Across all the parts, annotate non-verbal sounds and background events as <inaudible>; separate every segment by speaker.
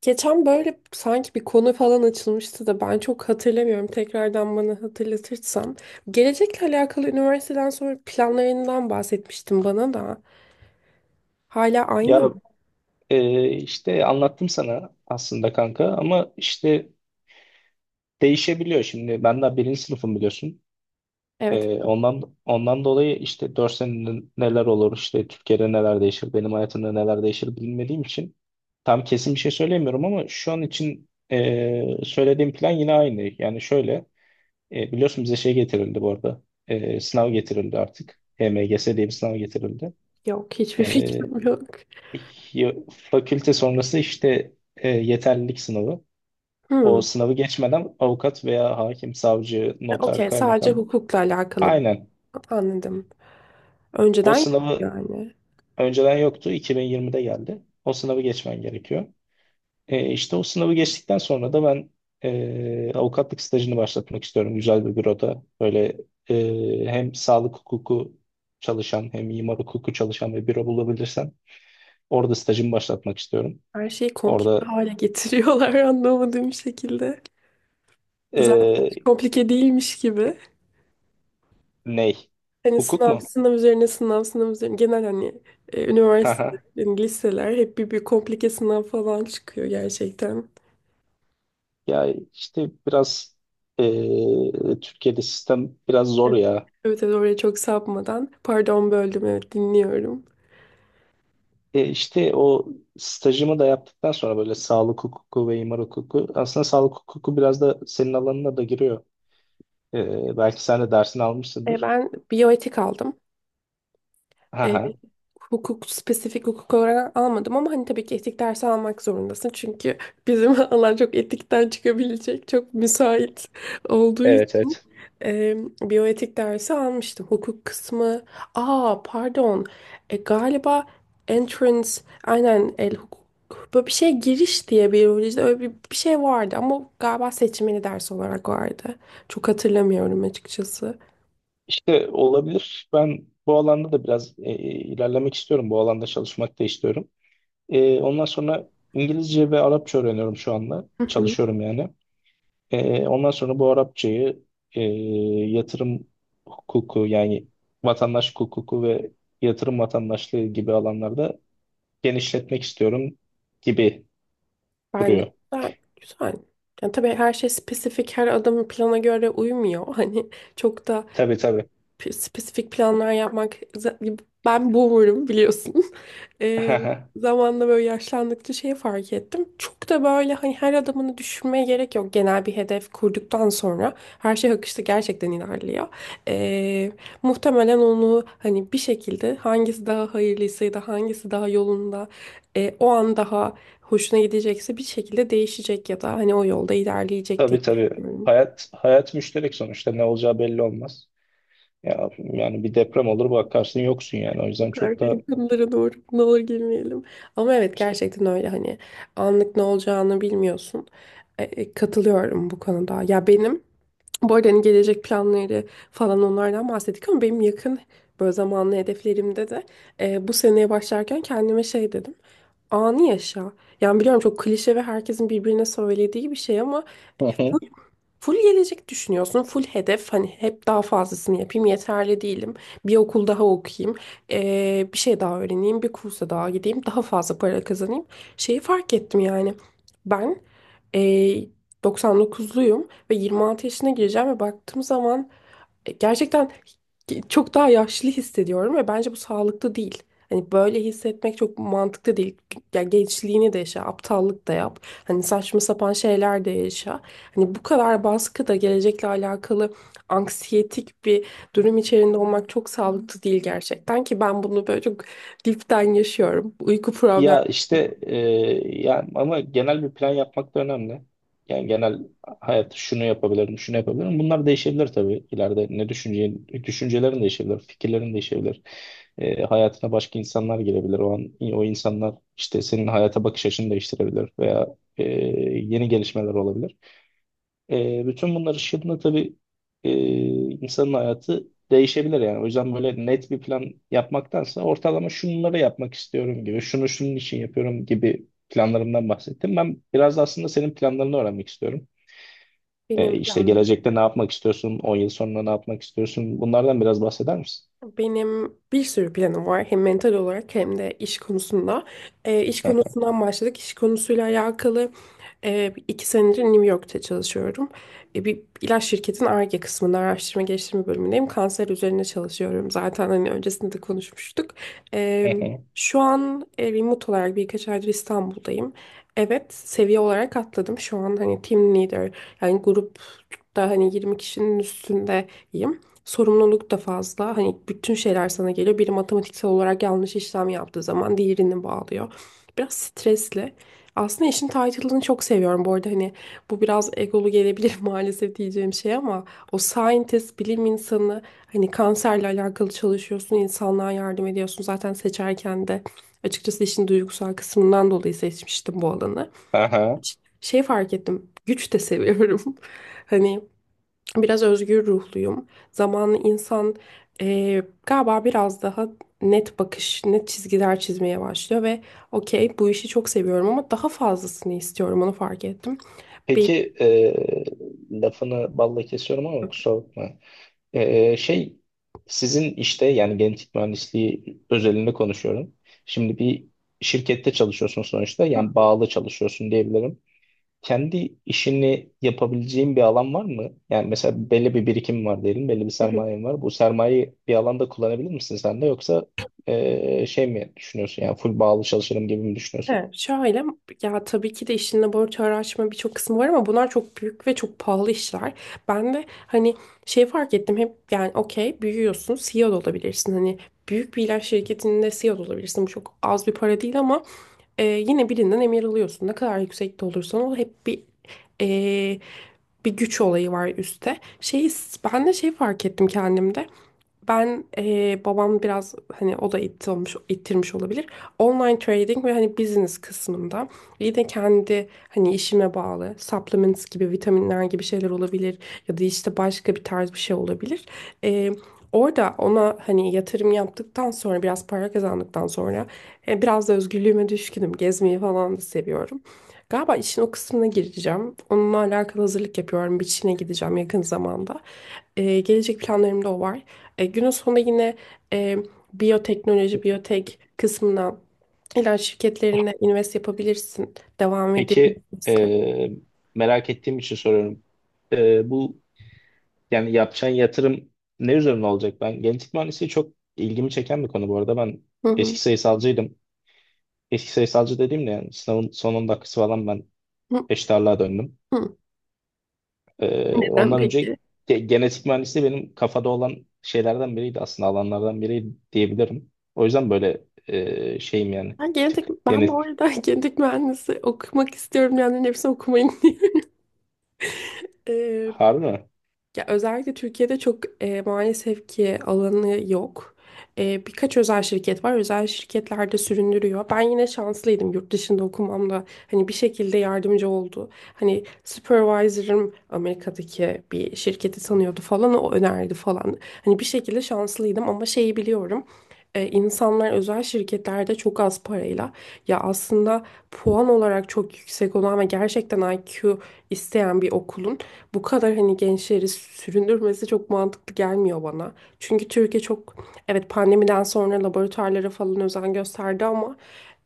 Speaker 1: Geçen böyle sanki bir konu falan açılmıştı da ben çok hatırlamıyorum. Tekrardan bana hatırlatırsan. Gelecekle alakalı üniversiteden sonra planlarından bahsetmiştin bana da. Hala aynı mı?
Speaker 2: Ya işte anlattım sana aslında kanka ama işte değişebiliyor şimdi. Ben daha birinci sınıfım biliyorsun.
Speaker 1: Evet.
Speaker 2: Ondan dolayı işte dört senede neler olur, işte Türkiye'de neler değişir, benim hayatımda neler değişir bilmediğim için tam kesin bir şey söyleyemiyorum, ama şu an için söylediğim plan yine aynı. Yani şöyle, biliyorsun bize şey getirildi bu arada. Sınav getirildi artık. HMGS diye bir sınav getirildi.
Speaker 1: Yok, hiçbir <laughs>
Speaker 2: E,
Speaker 1: fikrim yok.
Speaker 2: Fakülte sonrası işte yeterlilik sınavı. O
Speaker 1: Hmm.
Speaker 2: sınavı geçmeden avukat veya hakim, savcı, noter,
Speaker 1: Okey, sadece
Speaker 2: kaymakam.
Speaker 1: hukukla alakalı.
Speaker 2: Aynen.
Speaker 1: Anladım.
Speaker 2: O
Speaker 1: Önceden yok
Speaker 2: sınavı
Speaker 1: yani.
Speaker 2: önceden yoktu. 2020'de geldi. O sınavı geçmen gerekiyor. İşte o sınavı geçtikten sonra da ben avukatlık stajını başlatmak istiyorum. Güzel bir büroda. Böyle hem sağlık hukuku çalışan, hem imar hukuku çalışan bir büro bulabilirsem orada stajımı başlatmak istiyorum.
Speaker 1: Her şeyi komplike
Speaker 2: Orada
Speaker 1: hale getiriyorlar <laughs> anlamadığım şekilde. Zaten hiç
Speaker 2: e,
Speaker 1: komplike değilmiş gibi.
Speaker 2: Ney?
Speaker 1: Hani
Speaker 2: Hukuk
Speaker 1: sınav,
Speaker 2: mu?
Speaker 1: sınav üzerine sınav, sınav üzerine genel hani üniversiteler
Speaker 2: Haha.
Speaker 1: yani liseler hep bir komplike sınav falan çıkıyor gerçekten.
Speaker 2: Ya işte biraz Türkiye'de sistem biraz zor
Speaker 1: Evet.
Speaker 2: ya.
Speaker 1: Evet, evet oraya çok sapmadan. Pardon böldüm, evet dinliyorum.
Speaker 2: İşte o stajımı da yaptıktan sonra böyle sağlık hukuku ve imar hukuku. Aslında sağlık hukuku biraz da senin alanına da giriyor. Belki sen de dersini almışsındır.
Speaker 1: Ben biyoetik aldım. E,
Speaker 2: Haha.
Speaker 1: Hukuk spesifik hukuk olarak almadım ama hani tabii ki etik dersi almak zorundasın. Çünkü bizim <laughs> alan çok etikten çıkabilecek, çok müsait olduğu için.
Speaker 2: Evet, evet.
Speaker 1: E, Biyoetik dersi almıştım. Hukuk kısmı. Aa pardon. Galiba entrance aynen el hukuk. Böyle bir şey giriş diye biyolojide öyle bir şey vardı ama galiba seçmeli ders olarak vardı. Çok hatırlamıyorum açıkçası.
Speaker 2: İşte olabilir. Ben bu alanda da biraz ilerlemek istiyorum. Bu alanda çalışmak da istiyorum. Ondan sonra İngilizce ve Arapça öğreniyorum şu anda.
Speaker 1: Hı hı.
Speaker 2: Çalışıyorum yani. Ondan sonra bu Arapçayı e, yatırım hukuku yani vatandaş hukuku ve yatırım vatandaşlığı gibi alanlarda genişletmek istiyorum gibi
Speaker 1: Ben de.
Speaker 2: duruyor.
Speaker 1: Güzel. Güzel. Yani tabii her şey spesifik, her adamın plana göre uymuyor. <laughs> Hani çok da
Speaker 2: Tabii, tabii.
Speaker 1: spesifik planlar yapmak. Ben boomer'ım biliyorsun. <laughs> Ee,
Speaker 2: <laughs>
Speaker 1: Zamanla böyle yaşlandıkça şey fark ettim. Çok da böyle hani her adımını düşünmeye gerek yok. Genel bir hedef kurduktan sonra her şey akışta gerçekten ilerliyor. Ee, Muhtemelen onu hani bir şekilde hangisi daha hayırlıysa ya da hangisi daha yolunda o an daha hoşuna gidecekse bir şekilde değişecek ya da hani o yolda ilerleyecek diye
Speaker 2: Tabii, tabii.
Speaker 1: düşünüyorum.
Speaker 2: Hayat müşterek sonuçta, ne olacağı belli olmaz. Ya, yani bir deprem olur bakarsın yoksun yani. O yüzden çok
Speaker 1: Karakterin
Speaker 2: da
Speaker 1: konulara doğru ne olur girmeyelim. Ama evet gerçekten öyle hani anlık ne olacağını bilmiyorsun. Katılıyorum bu konuda. Ya benim bu arada hani gelecek planları falan onlardan bahsettik ama benim yakın böyle zamanlı hedeflerimde de bu seneye başlarken kendime şey dedim. Anı yaşa. Yani biliyorum çok klişe ve herkesin birbirine söylediği bir şey ama
Speaker 2: <laughs>
Speaker 1: full gelecek düşünüyorsun. Full hedef, hani hep daha fazlasını yapayım, yeterli değilim. Bir okul daha okuyayım. Bir şey daha öğreneyim. Bir kursa daha gideyim. Daha fazla para kazanayım. Şeyi fark ettim yani. Ben eee 99'luyum ve 26 yaşına gireceğim ve baktığım zaman gerçekten çok daha yaşlı hissediyorum ve bence bu sağlıklı değil. Hani böyle hissetmek çok mantıklı değil. Ya gençliğini de yaşa, aptallık da yap. Hani saçma sapan şeyler de yaşa. Hani bu kadar baskı da gelecekle alakalı anksiyetik bir durum içerisinde olmak çok sağlıklı değil gerçekten ki ben bunu böyle çok dipten yaşıyorum. Uyku problemi
Speaker 2: Ya işte e, ya ama genel bir plan yapmak da önemli. Yani genel hayat, şunu yapabilirim, şunu yapabilirim. Bunlar değişebilir tabii ileride. Ne düşüneceğin, düşüncelerin değişebilir, fikirlerin değişebilir. Hayatına başka insanlar girebilir. O an o insanlar işte senin hayata bakış açını değiştirebilir veya e, yeni gelişmeler olabilir. Bütün bunlar ışığında tabii e, insanın hayatı değişebilir yani. O yüzden böyle net bir plan yapmaktansa, ortalama şunları yapmak istiyorum gibi, şunu şunun için yapıyorum gibi planlarımdan bahsettim. Ben biraz da aslında senin planlarını öğrenmek istiyorum.
Speaker 1: benim
Speaker 2: İşte
Speaker 1: planlarım.
Speaker 2: gelecekte ne yapmak istiyorsun, 10 yıl sonra ne yapmak istiyorsun, bunlardan biraz bahseder misin?
Speaker 1: Benim bir sürü planım var. Hem mental olarak hem de iş konusunda. İş
Speaker 2: Aha.
Speaker 1: konusundan başladık. İş konusuyla alakalı iki senedir New York'ta çalışıyorum. Bir ilaç şirketin Ar-Ge kısmında, araştırma geliştirme bölümündeyim. Kanser üzerine çalışıyorum. Zaten hani öncesinde de konuşmuştuk. E,
Speaker 2: Aha.
Speaker 1: Şu an remote olarak birkaç aydır İstanbul'dayım. Evet, seviye olarak atladım. Şu an hani team leader, yani grupta hani 20 kişinin üstündeyim, sorumluluk da fazla. Hani bütün şeyler sana geliyor. Biri matematiksel olarak yanlış işlem yaptığı zaman diğerini bağlıyor. Biraz stresli. Aslında işin title'ını çok seviyorum. Bu arada hani bu biraz egolu gelebilir <laughs> maalesef diyeceğim şey ama o scientist, bilim insanı, hani kanserle alakalı çalışıyorsun, insanlığa yardım ediyorsun. Zaten seçerken de açıkçası işin duygusal kısmından dolayı seçmiştim bu alanı,
Speaker 2: Aha.
Speaker 1: şey fark ettim. Güç de seviyorum. <laughs> Hani biraz özgür ruhluyum. Zamanlı insan galiba biraz daha net bakış, net çizgiler çizmeye başlıyor ve okey bu işi çok seviyorum ama daha fazlasını istiyorum, onu fark ettim. Bir,
Speaker 2: Peki lafını balla kesiyorum ama kusura bakma. Ee, şey Sizin işte yani genetik mühendisliği özelinde konuşuyorum. Şimdi bir şirkette çalışıyorsun sonuçta, yani bağlı çalışıyorsun diyebilirim. Kendi işini yapabileceğin bir alan var mı? Yani mesela belli bir birikim var diyelim, belli bir sermayen var. Bu sermayeyi bir alanda kullanabilir misin sen de, yoksa şey mi düşünüyorsun, yani full bağlı çalışırım gibi mi düşünüyorsun?
Speaker 1: He, şöyle, ya tabii ki de işin laboratuvar açma birçok kısmı var ama bunlar çok büyük ve çok pahalı işler. Ben de hani şey fark ettim hep, yani okey büyüyorsun, CEO da olabilirsin. Hani büyük bir ilaç şirketinde CEO da olabilirsin. Bu çok az bir para değil ama yine birinden emir alıyorsun. Ne kadar yüksekte olursan ol hep e, bir güç olayı var üstte. Şey, ben de şey fark ettim kendimde. Ben Babam biraz hani o da itti olmuş, ittirmiş olabilir. Online trading ve hani business kısmında yine kendi hani işime bağlı supplements gibi, vitaminler gibi şeyler olabilir ya da işte başka bir tarz bir şey olabilir. Eee, Orada ona hani yatırım yaptıktan sonra, biraz para kazandıktan sonra biraz da özgürlüğüme düşkünüm. Gezmeyi falan da seviyorum. Galiba işin o kısmına gireceğim. Onunla alakalı hazırlık yapıyorum. Bir Çin'e gideceğim yakın zamanda. Gelecek planlarımda o var. Günün sonunda yine e, biyoteknoloji, biyotek kısmına, ilaç şirketlerine invest yapabilirsin. Devam
Speaker 2: Peki
Speaker 1: edebilirsin.
Speaker 2: merak ettiğim için soruyorum. Bu Yani yapacağın yatırım ne üzerine olacak? Ben, genetik mühendisliği çok ilgimi çeken bir konu bu arada. Ben
Speaker 1: Hı hı.
Speaker 2: eski sayısalcıydım. Eski sayısalcı dediğimde yani, sınavın son 10 dakikası falan ben
Speaker 1: Hı
Speaker 2: eşit döndüm.
Speaker 1: hı. Neden
Speaker 2: Ondan önce
Speaker 1: peki?
Speaker 2: genetik mühendisliği benim kafada olan şeylerden biriydi, aslında alanlardan biriydi diyebilirim. O yüzden böyle şeyim yani,
Speaker 1: Ben
Speaker 2: bir
Speaker 1: genetik,
Speaker 2: tık
Speaker 1: ben
Speaker 2: genetik.
Speaker 1: bu arada <laughs> genetik mühendisi okumak istiyorum. Yani hepsini okumayın diye. <laughs>
Speaker 2: Harbi mi?
Speaker 1: Ya özellikle Türkiye'de çok maalesef ki alanı yok. Birkaç özel şirket var. Özel şirketler de süründürüyor. Ben yine şanslıydım yurt dışında okumamda. Hani bir şekilde yardımcı oldu. Hani supervisor'ım Amerika'daki bir şirketi tanıyordu falan. O önerdi falan. Hani bir şekilde şanslıydım ama şeyi biliyorum. İnsanlar özel şirketlerde çok az parayla, ya aslında puan olarak çok yüksek olan ve gerçekten IQ isteyen bir okulun bu kadar hani gençleri süründürmesi çok mantıklı gelmiyor bana. Çünkü Türkiye çok, evet, pandemiden sonra laboratuvarlara falan özen gösterdi ama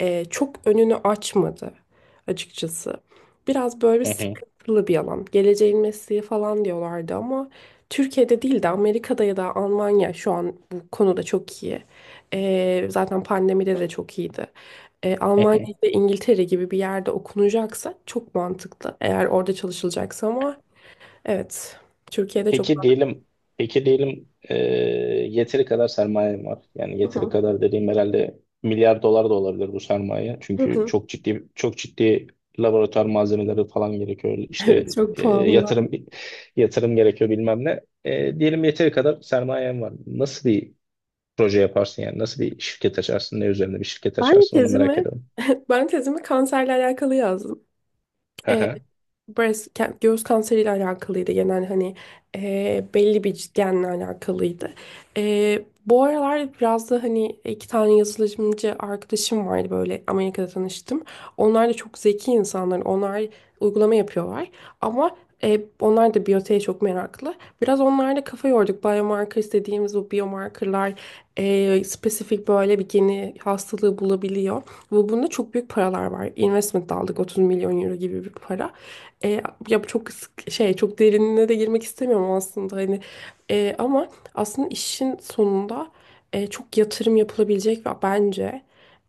Speaker 1: çok önünü açmadı açıkçası. Biraz böyle
Speaker 2: Hı hı.
Speaker 1: sıkıntılı bir alan. Geleceğin mesleği falan diyorlardı ama Türkiye'de değil de Amerika'da ya da Almanya şu an bu konuda çok iyi. Zaten pandemide de çok iyiydi. Almanya
Speaker 2: <laughs>
Speaker 1: ve İngiltere gibi bir yerde okunacaksa çok mantıklı. Eğer orada çalışılacaksa ama evet, Türkiye'de çok
Speaker 2: Peki
Speaker 1: pahalı.
Speaker 2: diyelim, peki diyelim yeteri kadar sermayem var. Yani yeteri kadar dediğim, herhalde milyar dolar da olabilir bu sermaye.
Speaker 1: Hı
Speaker 2: Çünkü
Speaker 1: hı. <laughs>
Speaker 2: çok ciddi, çok ciddi laboratuvar malzemeleri falan gerekiyor. İşte
Speaker 1: Evet, çok
Speaker 2: e,
Speaker 1: pahalı.
Speaker 2: yatırım yatırım gerekiyor bilmem ne. Diyelim yeteri kadar sermayem var. Nasıl bir proje yaparsın yani? Nasıl bir şirket açarsın? Ne üzerine bir şirket
Speaker 1: Ben
Speaker 2: açarsın? Onu merak
Speaker 1: tezimi
Speaker 2: ediyorum.
Speaker 1: <laughs> ben tezimi kanserle alakalı yazdım. E,
Speaker 2: Aha.
Speaker 1: Breast, göğüs kanseriyle alakalıydı, genel hani belli bir genle alakalıydı. Bu aralar biraz da hani iki tane yazılımcı arkadaşım vardı, böyle Amerika'da tanıştım. Onlar da çok zeki insanlar. Onlar uygulama yapıyorlar ama onlar da biyoteye çok meraklı. Biraz onlarla kafa yorduk. Biomarker istediğimiz, bu biomarkerlar spesifik böyle bir geni, hastalığı bulabiliyor. Bu, bunda çok büyük paralar var. Investment aldık, 30 milyon euro gibi bir para. E, şey, çok derinine de girmek istemiyorum aslında hani. Ama aslında işin sonunda çok yatırım yapılabilecek ve bence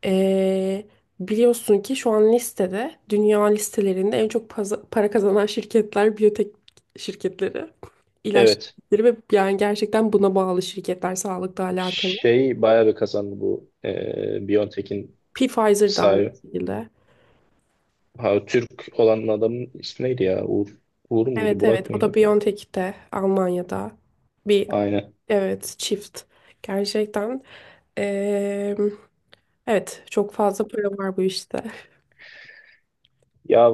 Speaker 1: e, biliyorsun ki şu an listede, dünya listelerinde en çok para kazanan şirketler biyotek şirketleri, ilaç
Speaker 2: Evet.
Speaker 1: şirketleri ve yani gerçekten buna bağlı şirketler, sağlıkla alakalı.
Speaker 2: Şey, bayağı bir kazandı bu BioNTech'in
Speaker 1: Pfizer dahil.
Speaker 2: sahibi. Ha, Türk olan adamın ismi neydi ya? Uğur, Uğur muydu?
Speaker 1: Evet, evet,
Speaker 2: Burak
Speaker 1: o da
Speaker 2: mıydı?
Speaker 1: BioNTech'te Almanya'da bir,
Speaker 2: Aynen.
Speaker 1: evet, çift, gerçekten eee, evet, çok fazla para var bu işte. <laughs>
Speaker 2: Ya,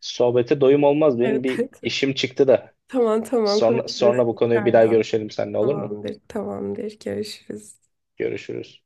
Speaker 2: sohbete doyum olmaz.
Speaker 1: Evet,
Speaker 2: Benim bir
Speaker 1: evet.
Speaker 2: işim çıktı da.
Speaker 1: Tamam, tamam,
Speaker 2: Sonra,
Speaker 1: konuşuruz
Speaker 2: sonra bu konuyu bir daha
Speaker 1: tekrardan.
Speaker 2: görüşelim seninle, olur mu?
Speaker 1: Tamamdır, tamamdır, görüşürüz.
Speaker 2: Görüşürüz.